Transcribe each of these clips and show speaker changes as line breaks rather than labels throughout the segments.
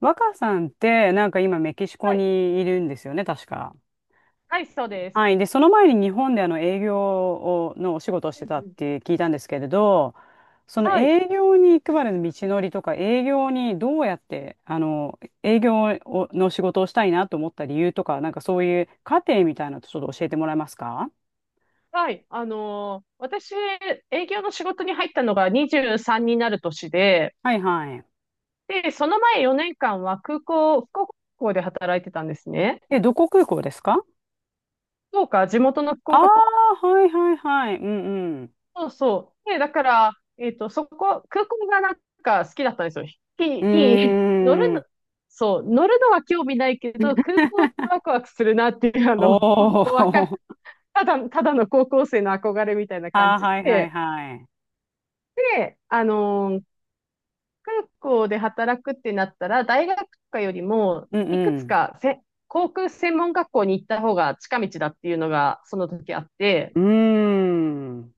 若さんって、なんか今メキシコ
はい、
にいるんですよね、確か。
はい、そうです。
はい。で、その前に日本で営業をのお仕事をし
う
て
ん
たっ
うん、
て聞いたんですけれど、その
はい、
営業に行くまでの道のりとか、営業にどうやって、営業をの仕事をしたいなと思った理由とか、なんかそういう過程みたいなのちょっと教えてもらえますか？
はい。私、営業の仕事に入ったのが23になる年で、
はいはい。
で、その前4年間は空港、福岡空港で働いてたんですね。
え、どこ空港ですか？
福岡、地元の福
ああ
岡空
ー、はいはいはい。うんうん。
港、そう。で、だから、そこ、空港がなんか好きだったんですよ。飛行機に
う
乗る
ー
の、
ん。
そう、乗るのは興味ないけど、空港ってワクワクするなっていう、
お
本当わか、
ー。
ただの高校生の憧れみたいな感
ああ、
じ
はいはい
で、
はい。
で、空港で働くってなったら、大学とかよりも、
う
いくつ
ん
かせ航空専門学校に行った方が近道だっていうのが、その時あって、
うん。うーん。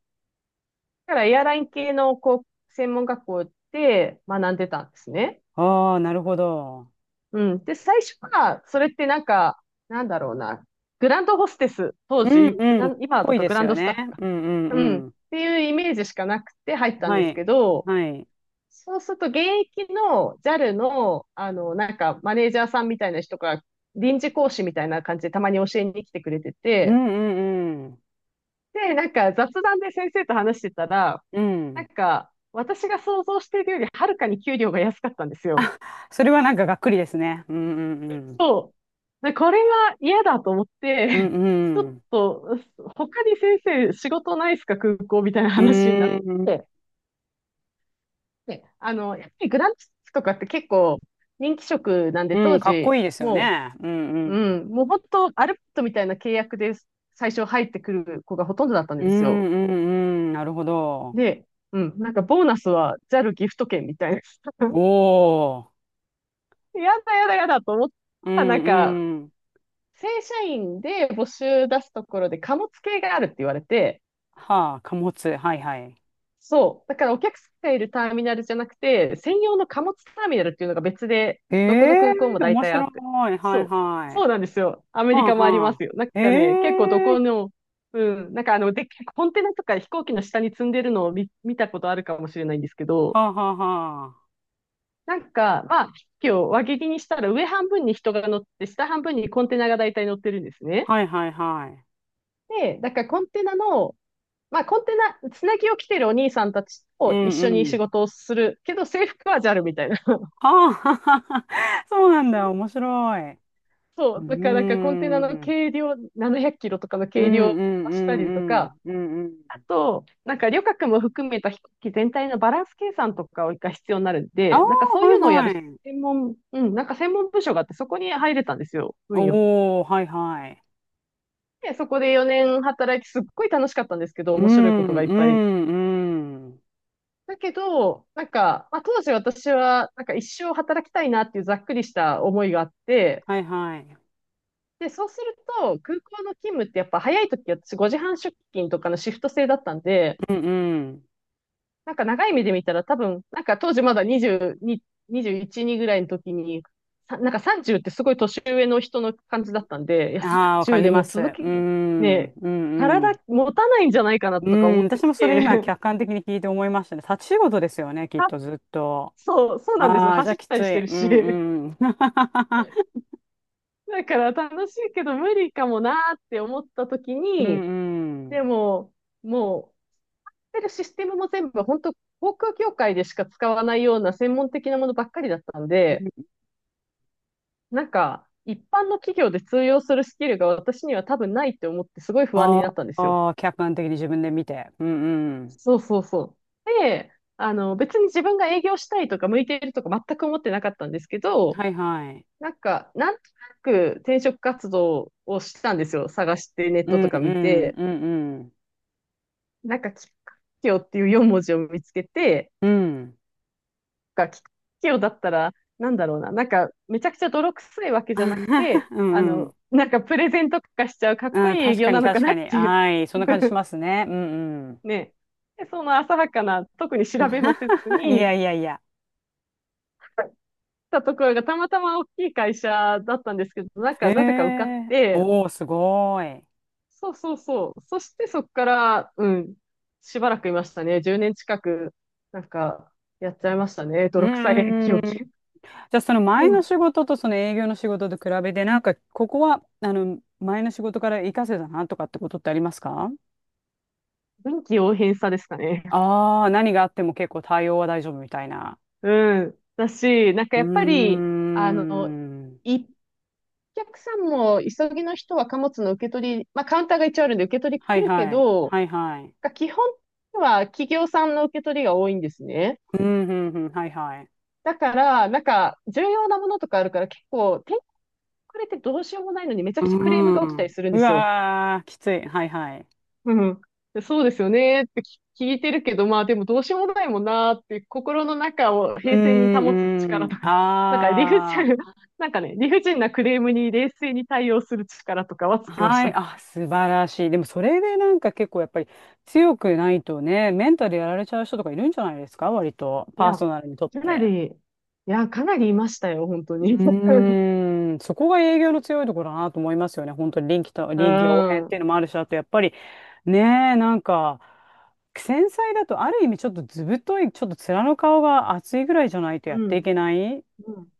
だからエアライン系の航空専門学校で学んでたんですね。
ああ、なるほど。
うん。で、最初は、それってなんか、なんだろうな、グランドホステス、当
うん
時、グ
う
ラ
ん。
ン、今
ぽ
だ
い
と
で
グ
す
ラン
よ
ドスタ
ね。
ッフか。
うんうん
うん。っ
うん。
ていうイメージしかなくて入ったん
は
です
い。
けど、
はい。
そうすると、現役の JAL の、マネージャーさんみたいな人が、臨時講師みたいな感じでたまに教えに来てくれて
う
て、
んうんうん。
で、なんか雑談で先生と話してたら、
う
な
ん。
んか、私が想像しているよりはるかに給料が安かったんですよ。
それはなんかがっくりですね。うんうんうん。
そう。で、これは嫌だと思っ
うん
て、ちょ
う
っ
ん。
と、他に先生仕事ないですか、空港みたいな
う
話になっ
ーん。
て、で、やっぱりグランツとかって結構人気職なんで、
う
当
ん、かっ
時、
こいいですよね。うんう
う
ん。
もう本当、アルバイトみたいな契約で最初入ってくる子がほとんどだったん
う
ですよ。
んうんうん。なるほど。
で、うん、なんかボーナスはジャルギフト券みたいな。
おー。
やだやだやだと思っ
う
たら、なんか、
んうん。
正社員で募集出すところで貨物系があるって言われて、
はあ、貨物。はいはい。
そう。だからお客さんがいるターミナルじゃなくて、専用の貨物ターミナルっていうのが別で、
え
どこの
え
空港も
ー、
大
面
体あ
白い。
って。
はいはい。
そう。そ
は
うなんですよ。アメリ
あ
カもありま
はあ。
すよ。なん
え
かね、結構ど
え
こ
ー。
の、うん、なんかでっかいコンテナとか飛行機の下に積んでるのを見たことあるかもしれないんですけど、
はあはあはあ。
なんか、まあ、飛行機を輪切りにしたら上半分に人が乗って、下半分にコンテナが大体乗ってるんですね。
はいはいはい。
で、だからコンテナ、つなぎを着てるお兄さんたち
う
を一
んう
緒に仕
ん。
事をするけど、制服はジャルみたいな。
はあははは。そうなんだ。面白い。う
そ
ー
う。だから、なんかコンテ
ん。
ナ
う
の
ん
軽量、700キロとかの
うん
軽量を
うんう
したりとか、
ん。うんうん。
あと、なんか旅客も含めた飛行機全体のバランス計算とかが必要になるん
あ
で、
あ、
なんかそうい
はい
うのをや
は
る
い。
専門、うん、なんか専門部署があって、そこに入れたんですよ。運よく。
おお、はいはい。
で、そこで4年働いて、すっごい楽しかったんですけど、
う
面白いこと
ん
がい
う
っぱい
んうん。
だけど、なんか、まあ、当時私は、なんか一生働きたいなっていうざっくりした思いがあって、
はいはい。
で、そうすると、空港の勤務ってやっぱ早い時私5時半出勤とかのシフト制だったんで、
うんうん。
なんか長い目で見たら多分、なんか当時まだ22、21、2ぐらいの時に、なんか30ってすごい年上の人の感じだったんで、いや、
ああ、わか
30
り
でも
ま
う
す。
続き
うん、
ね、
うん、う
体
ん。
持たないんじゃないかな
う
とか思
ん、
って
私
き
もそれ今
て、
客観的に聞いて思いましたね。立ち仕事ですよね、きっ
あ
とずっと。
そう、そうなんです。
ああ、じゃ
走
あ
っ
き
た
つ
りし
い。
てる
う
し。
んうん。
だから楽しいけど無理かもなーって思った時
う
に、
んうん。
でも、もう、やってるシステムも全部本当航空業界でしか使わないような専門的なものばっかりだったんで、なんか、一般の企業で通用するスキルが私には多分ないって思ってすごい不安に
あ
なったんですよ。
あ、客観的に自分で見て。うんうん。
そうそうそう。で、別に自分が営業したいとか向いているとか全く思ってなかったんですけど、
はいはい。
なんか、なんとなく転職活動をしたんですよ。探してネッ
う
ト
ん
と
う
か見
ん
て。
うんうん。
なんか、きっかけをっていう4文字を見つけて、
うん。
が、きっかけをだったら、なんだろうな、なんか、めちゃくちゃ泥臭いわけじゃなく て、
うんうん。
なんかプレゼント化しちゃうかっこ
うん、
いい営
確か
業
に
なのか
確
な
か
っ
に。
ていう。
はい。そんな感じしま すね。うんうん。
ね。で、その浅はかな、特に調べもせず
いや
に、
いやいや。
たところがたまたま大きい会社だったんですけど、なん
へ
か、なぜか受かっ
え。
て、
おお、すごい。
そうそうそう。そしてそこから、うん、しばらくいましたね。10年近く、なんか、やっちゃいましたね。
う
泥臭い営
んうんう
業
ん。じゃあその
う
前の
ん。
仕事とその営業の仕事と比べて、なんかここは、前の仕事から活かせたなとかってことってありますか？
臨機応変さですかね。
ああー、何があっても結構対応は大丈夫みたいな。
うん。だし、なんか
うー
やっぱり、あの、
ん。
一お客さんも急ぎの人は貨物の受け取り、まあカウンターが一応あるんで受け取り
は
来
い
るけ
はい。
ど、
はいはい。
基本は企業さんの受け取りが多いんですね。
うん、うん、うん、はいはい。
だから、なんか重要なものとかあるから結構、手遅れてどうしようもないのにめちゃ
う
くちゃクレームが
ー
起きたり
ん。
するん
う
ですよ。
わー、きつい。はいはい。
うん。そうですよねって聞いてるけど、まあでもどうしようもないもんなーって、心の中を
うー
平静に保つ
ん、
力
うー
と
ん。
か、なんか理不
あ
尽、
あ。
なんかね、理不尽なクレームに冷静に対応する力とかはつきまし
はい、
た。
あ、素晴らしい。でもそれでなんか結構やっぱり強くないとね、メンタルやられちゃう人とかいるんじゃないですか、割と、
い
パー
や、
ソナルにとっ
かな
て。
り、いや、かなりいましたよ、本当
う
に。
ーん、そこが営業の強いところだなと思いますよね。本当に
う
臨機応変ってい
ん。
うのもあるし、あとやっぱりねえ、なんか、繊細だとある意味ちょっとずぶとい、ちょっと面の顔が厚いぐらいじゃないとやっ
う
てい
ん。
けないっ
うん。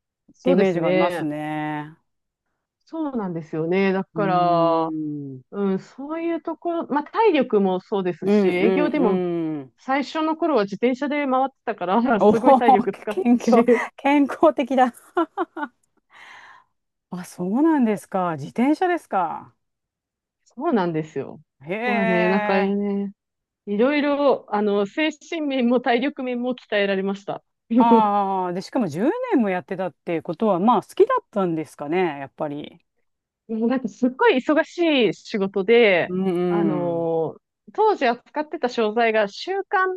て
そ
イ
うで
メー
す
ジがあります
ね。
ね。
そうなんですよね。だ
う
から、
ーん、
うん、そういうところ、まあ体力もそうです
うん
し、
う
営業でも
んうん。
最初の頃は自転車で回ってたから、
おお、
すごい体力 使っ
健
た
康、
し、
健康的だ。あ、そうなんですか。自転車ですか。
そうなんですよ。
へ
まあね、なんか
え。
ね、いろいろ、精神面も体力面も鍛えられました。
ああ、で、しかも10年もやってたってことは、まあ、好きだったんですかね、やっぱり。
もうなんかすっごい忙しい仕事で、
うん
あ
うん。
の当時扱ってた商材が週刊、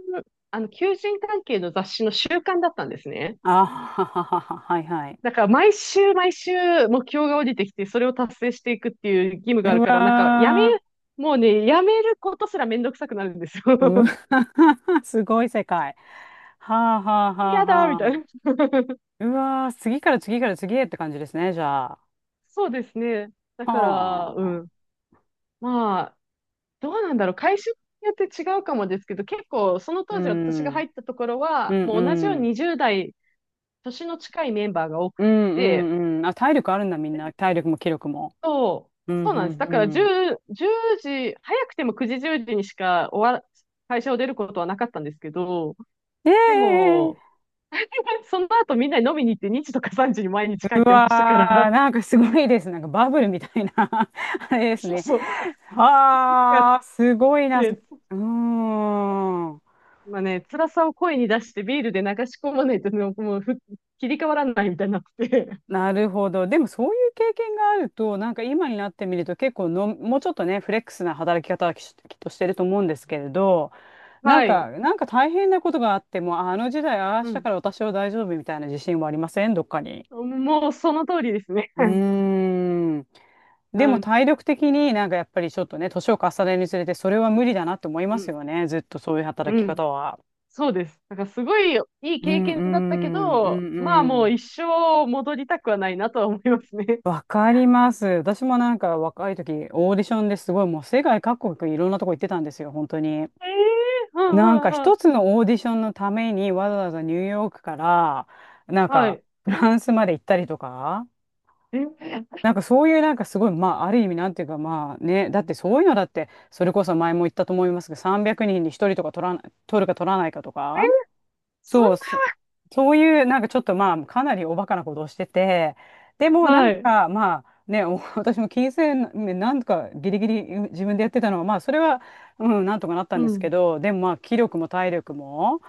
求人関係の雑誌の週刊だったんですね。
あはははは、はいはい。
だから毎週毎週目標が降りてきて、それを達成していくっていう義務があ
う
るから、なんかやめ、
わ
もうね、やめることすらめんどくさくなるんですよ。
ー、うわ ー、すごい世界。はあはあはあ
嫌だ
は
みたい
あ。
な。
うわー、次から次へって感じですね、じゃあ。
そうですね。だから、う
は
ん。
あ。
まあ、どうなんだろう。会社によって違うかもですけど、結構その
う
当時私が
ん、
入ったところ
う
は、
ん
もう同じよう
うん。
に20代、年の近いメンバーが多く
うん
て、
うんうん。あ、体力あるんだ、みんな。体力も気力も。
そ
う
う、
んう
そうなんです。
ん
だから
う
10、
ん。
時、早くても9時、10時にしか終わら、会社を出ることはなかったんですけど、
え
で
え。
も、その後みんなに飲みに行って2時とか3時に毎日帰
う
ってま
わ
したか
ー、
ら、
なんかすごいです。なんかバブルみたいな あれ です
そう
ね。
そう。なん
あ
か
ー、すごいな。う
ね、
ーん。
まあね、辛さを声に出してビールで流し込まないとね、もう切り替わらないみたいになってて
なるほど。でもそういう経験があると、なんか今になってみると結構の、もうちょっとね、フレックスな働き方はきっとしてると思うんですけれど、
はい。
なんか大変なことがあっても、ああの時代、ああ
う
した
ん。
から私は大丈夫みたいな自信はありませんどっかに。
もうその通りですね。
う ーん。で
う
も
ん。
体力的になんかやっぱりちょっとね、年を重ねるにつれてそれは無理だなって思いま
う
す
ん。
よね。ずっとそういう働
う
き
ん。
方は。
そうです。だからすごいいい
う
経
ん
験
う
だったけ
んう
ど、まあ
んう
もう
ん。
一生戻りたくはないなとは思いますね。
わかります。私もなんか若い時オーディションですごいもう世界各国いろんなとこ行ってたんですよ、本当に。
ええうん
なんか
うんうん。
一つのオーディションのためにわざわざニューヨークからなん
は
か
い。
フランスまで行ったりとか。
え、え、
なんかそういうなんかすごい、まあある意味なんていうかまあね、だってそういうのだって、それこそ前も言ったと思いますけど、300人に1人とりとか取らな、取るか取らないかとか、
そ
そう、
ん
そ、そういうなんかちょっとまあかなりおバカなことをしてて、でも
な、
な
は
ん
い。
かまあね、お 私も金銭面なんとかギリギリ自分でやってたのは、まあそれは、うん、なんとかなった
う
んですけ
ん。
ど、でもまあ気力も体力も、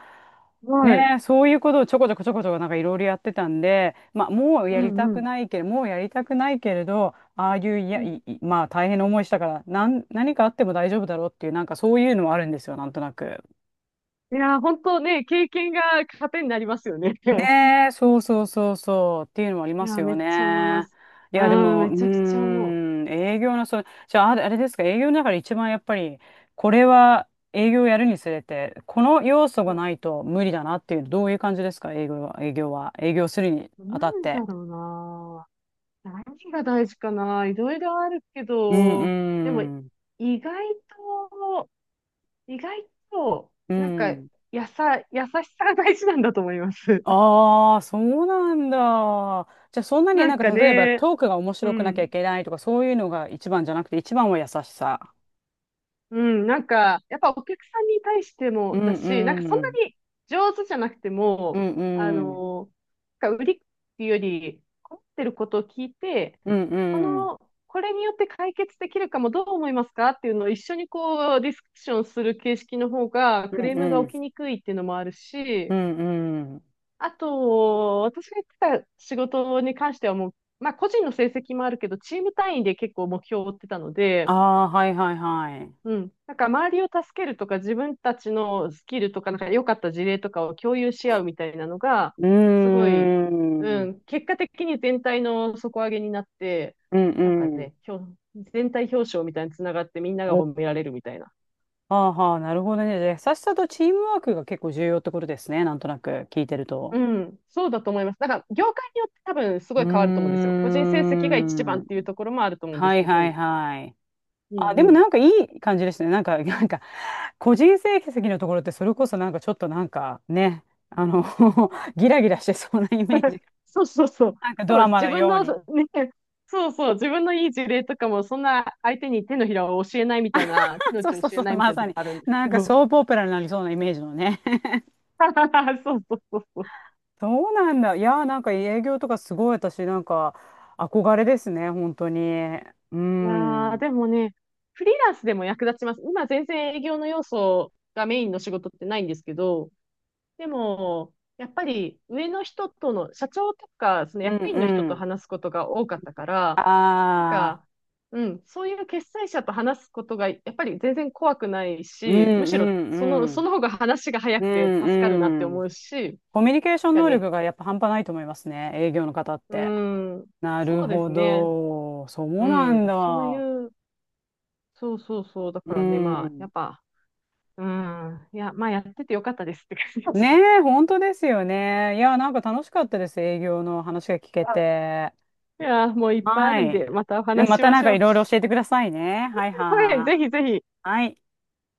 はい。
ねえ、そういうことをちょこちょこちょこちょこなんかいろいろやってたんで、まあ、
うんうん。
もうやりたくないけれど、ああいういや、
うん
い、いまあ大変な思いしたから、何かあっても大丈夫だろうっていう、なんかそういうのもあるんですよ、なんとなく。
いやー、本当ね、経験が糧になりますよね。
ねえ、そうそうそうそうっていうのもあり
い
ま
や
す
ー、
よ
めっちゃ思いま
ね。
す。
い
う
や、で
ん、
も、う
め
ー
ちゃくちゃ思
ん、営業の、その、じゃあ、あれあれですか、営業の中で一番やっぱり、これは営業をやるにつれて、この要素がな
う。
いと無理だなっていう、どういう感じですか、営業するに
うん、
あ
な
たっ
んだ
て。
ろうな。何が大事かな。いろいろあるけ
うん
ど、でも、
うん
意外と、意外と、
う
なんか、
ん。
優しさが大事なんだと思います。
ああ、そうなんだ。じゃあ、そんなに
な
な
ん
んか、
か
例えば
ね、
トークが面
う
白くなきゃ
ん。
いけないとか、そういうのが一番じゃなくて、一番は優しさ。
うん、なんか、やっぱお客さんに対して
う
も
ん
だし、なんかそん
う
な
ん。
に上手じゃなくて
う
も、
ん
あ
うん
の、なんか売りっていうより、困ってることを聞いて、
うん
こ
うん
の、これによって解決できるかもどう思いますかっていうのを一緒にこうディスカッションする形式の方がク
う
レー
ん
ムが
う
起
ん
きにくいっていうのもある
う
し、
んうん。
あと、私が言ってた仕事に関してはもう、まあ個人の成績もあるけど、チーム単位で結構目標を追ってたの
あ
で、
あ、はいはいはい。
うん。なんか周りを助けるとか、自分たちのスキルとか、なんか良かった事例とかを共有し合うみたいなのが、
うー
すごい、
ん。う
う
ん
ん。結果的に全体の底上げになって、
う
なんか
ん。
ね、全体表彰みたいにつながってみんな
お
が
は
褒められるみたいな。
あはあ、なるほどね。じゃあ優しさとチームワークが結構重要ってことですね、なんとなく聞いてると。
うん、そうだと思います。だから、業界によって多分す
う
ご
ー
い変わると思うんですよ。個人成績が一
ん。
番っていうところもあると思うんで
は
す
い
け
は
ど、
いはい。
うん
あ、
う
でも
ん。
なんかいい感じですね、なんか なんか個人成績のところってそれこそなんかちょっとなんかね、あの
う
ギラギラしてそうなイメージ
ん
が、
そうそうそう。
なんか
そ
ド
うなん
ラ
です。
マ
自
の
分
よう
の、
に。
そうね、そうそう。自分のいい事例とかも、そんな相手に手のひらを教えないみたいな、手の
そう
内を
そう
教え
そう、
ないみ
ま
たいなと
さ
こ
に。
あるんです
な
け
んか
ど。
ソープオペラになりそうなイメージのね。
そうそうそうそう。
そうなんだ。いやー、なんか営業とかすごい私、なんか憧れですね、本当に。うん。
い
う
やー、
ん
でもね、フリーランスでも役立ちます。今全然営業の要素がメインの仕事ってないんですけど、でも、やっぱり上の人との、社長とか、その
う
役員の人と
ん。
話すことが多かったから、なん
ああ、
か、うん、そういう決裁者と話すことが、やっぱり全然怖くない
う
し、む
んう
しろ
んう
そ
ん。
の方が話が早
う
くて助かるなって
んう
思
ん。
うし、
コミュニケーション
だ
能
ね、
力がやっぱ半端ないと思いますね、営業の方っ
う
て。
ん、
な
そ
る
うで
ほ
すね。
ど。そう
う
なん
ん、そうい
だ。
う、そうそうそう、だか
う
らね、まあ、や
ん。
っぱ、うん、いや、まあ、やっててよかったですって感じで
ね
す。
え、本当ですよね。いやー、なんか楽しかったです、営業の話が聞け て。
いや、もういっぱいあ
は
るん
い。
で、またお
で
話し
ま
し
た
ま
なん
し
か
ょう。
いろいろ教えてくださいね。はい
はい、
は
ぜ
い。
ひぜひ。
はい。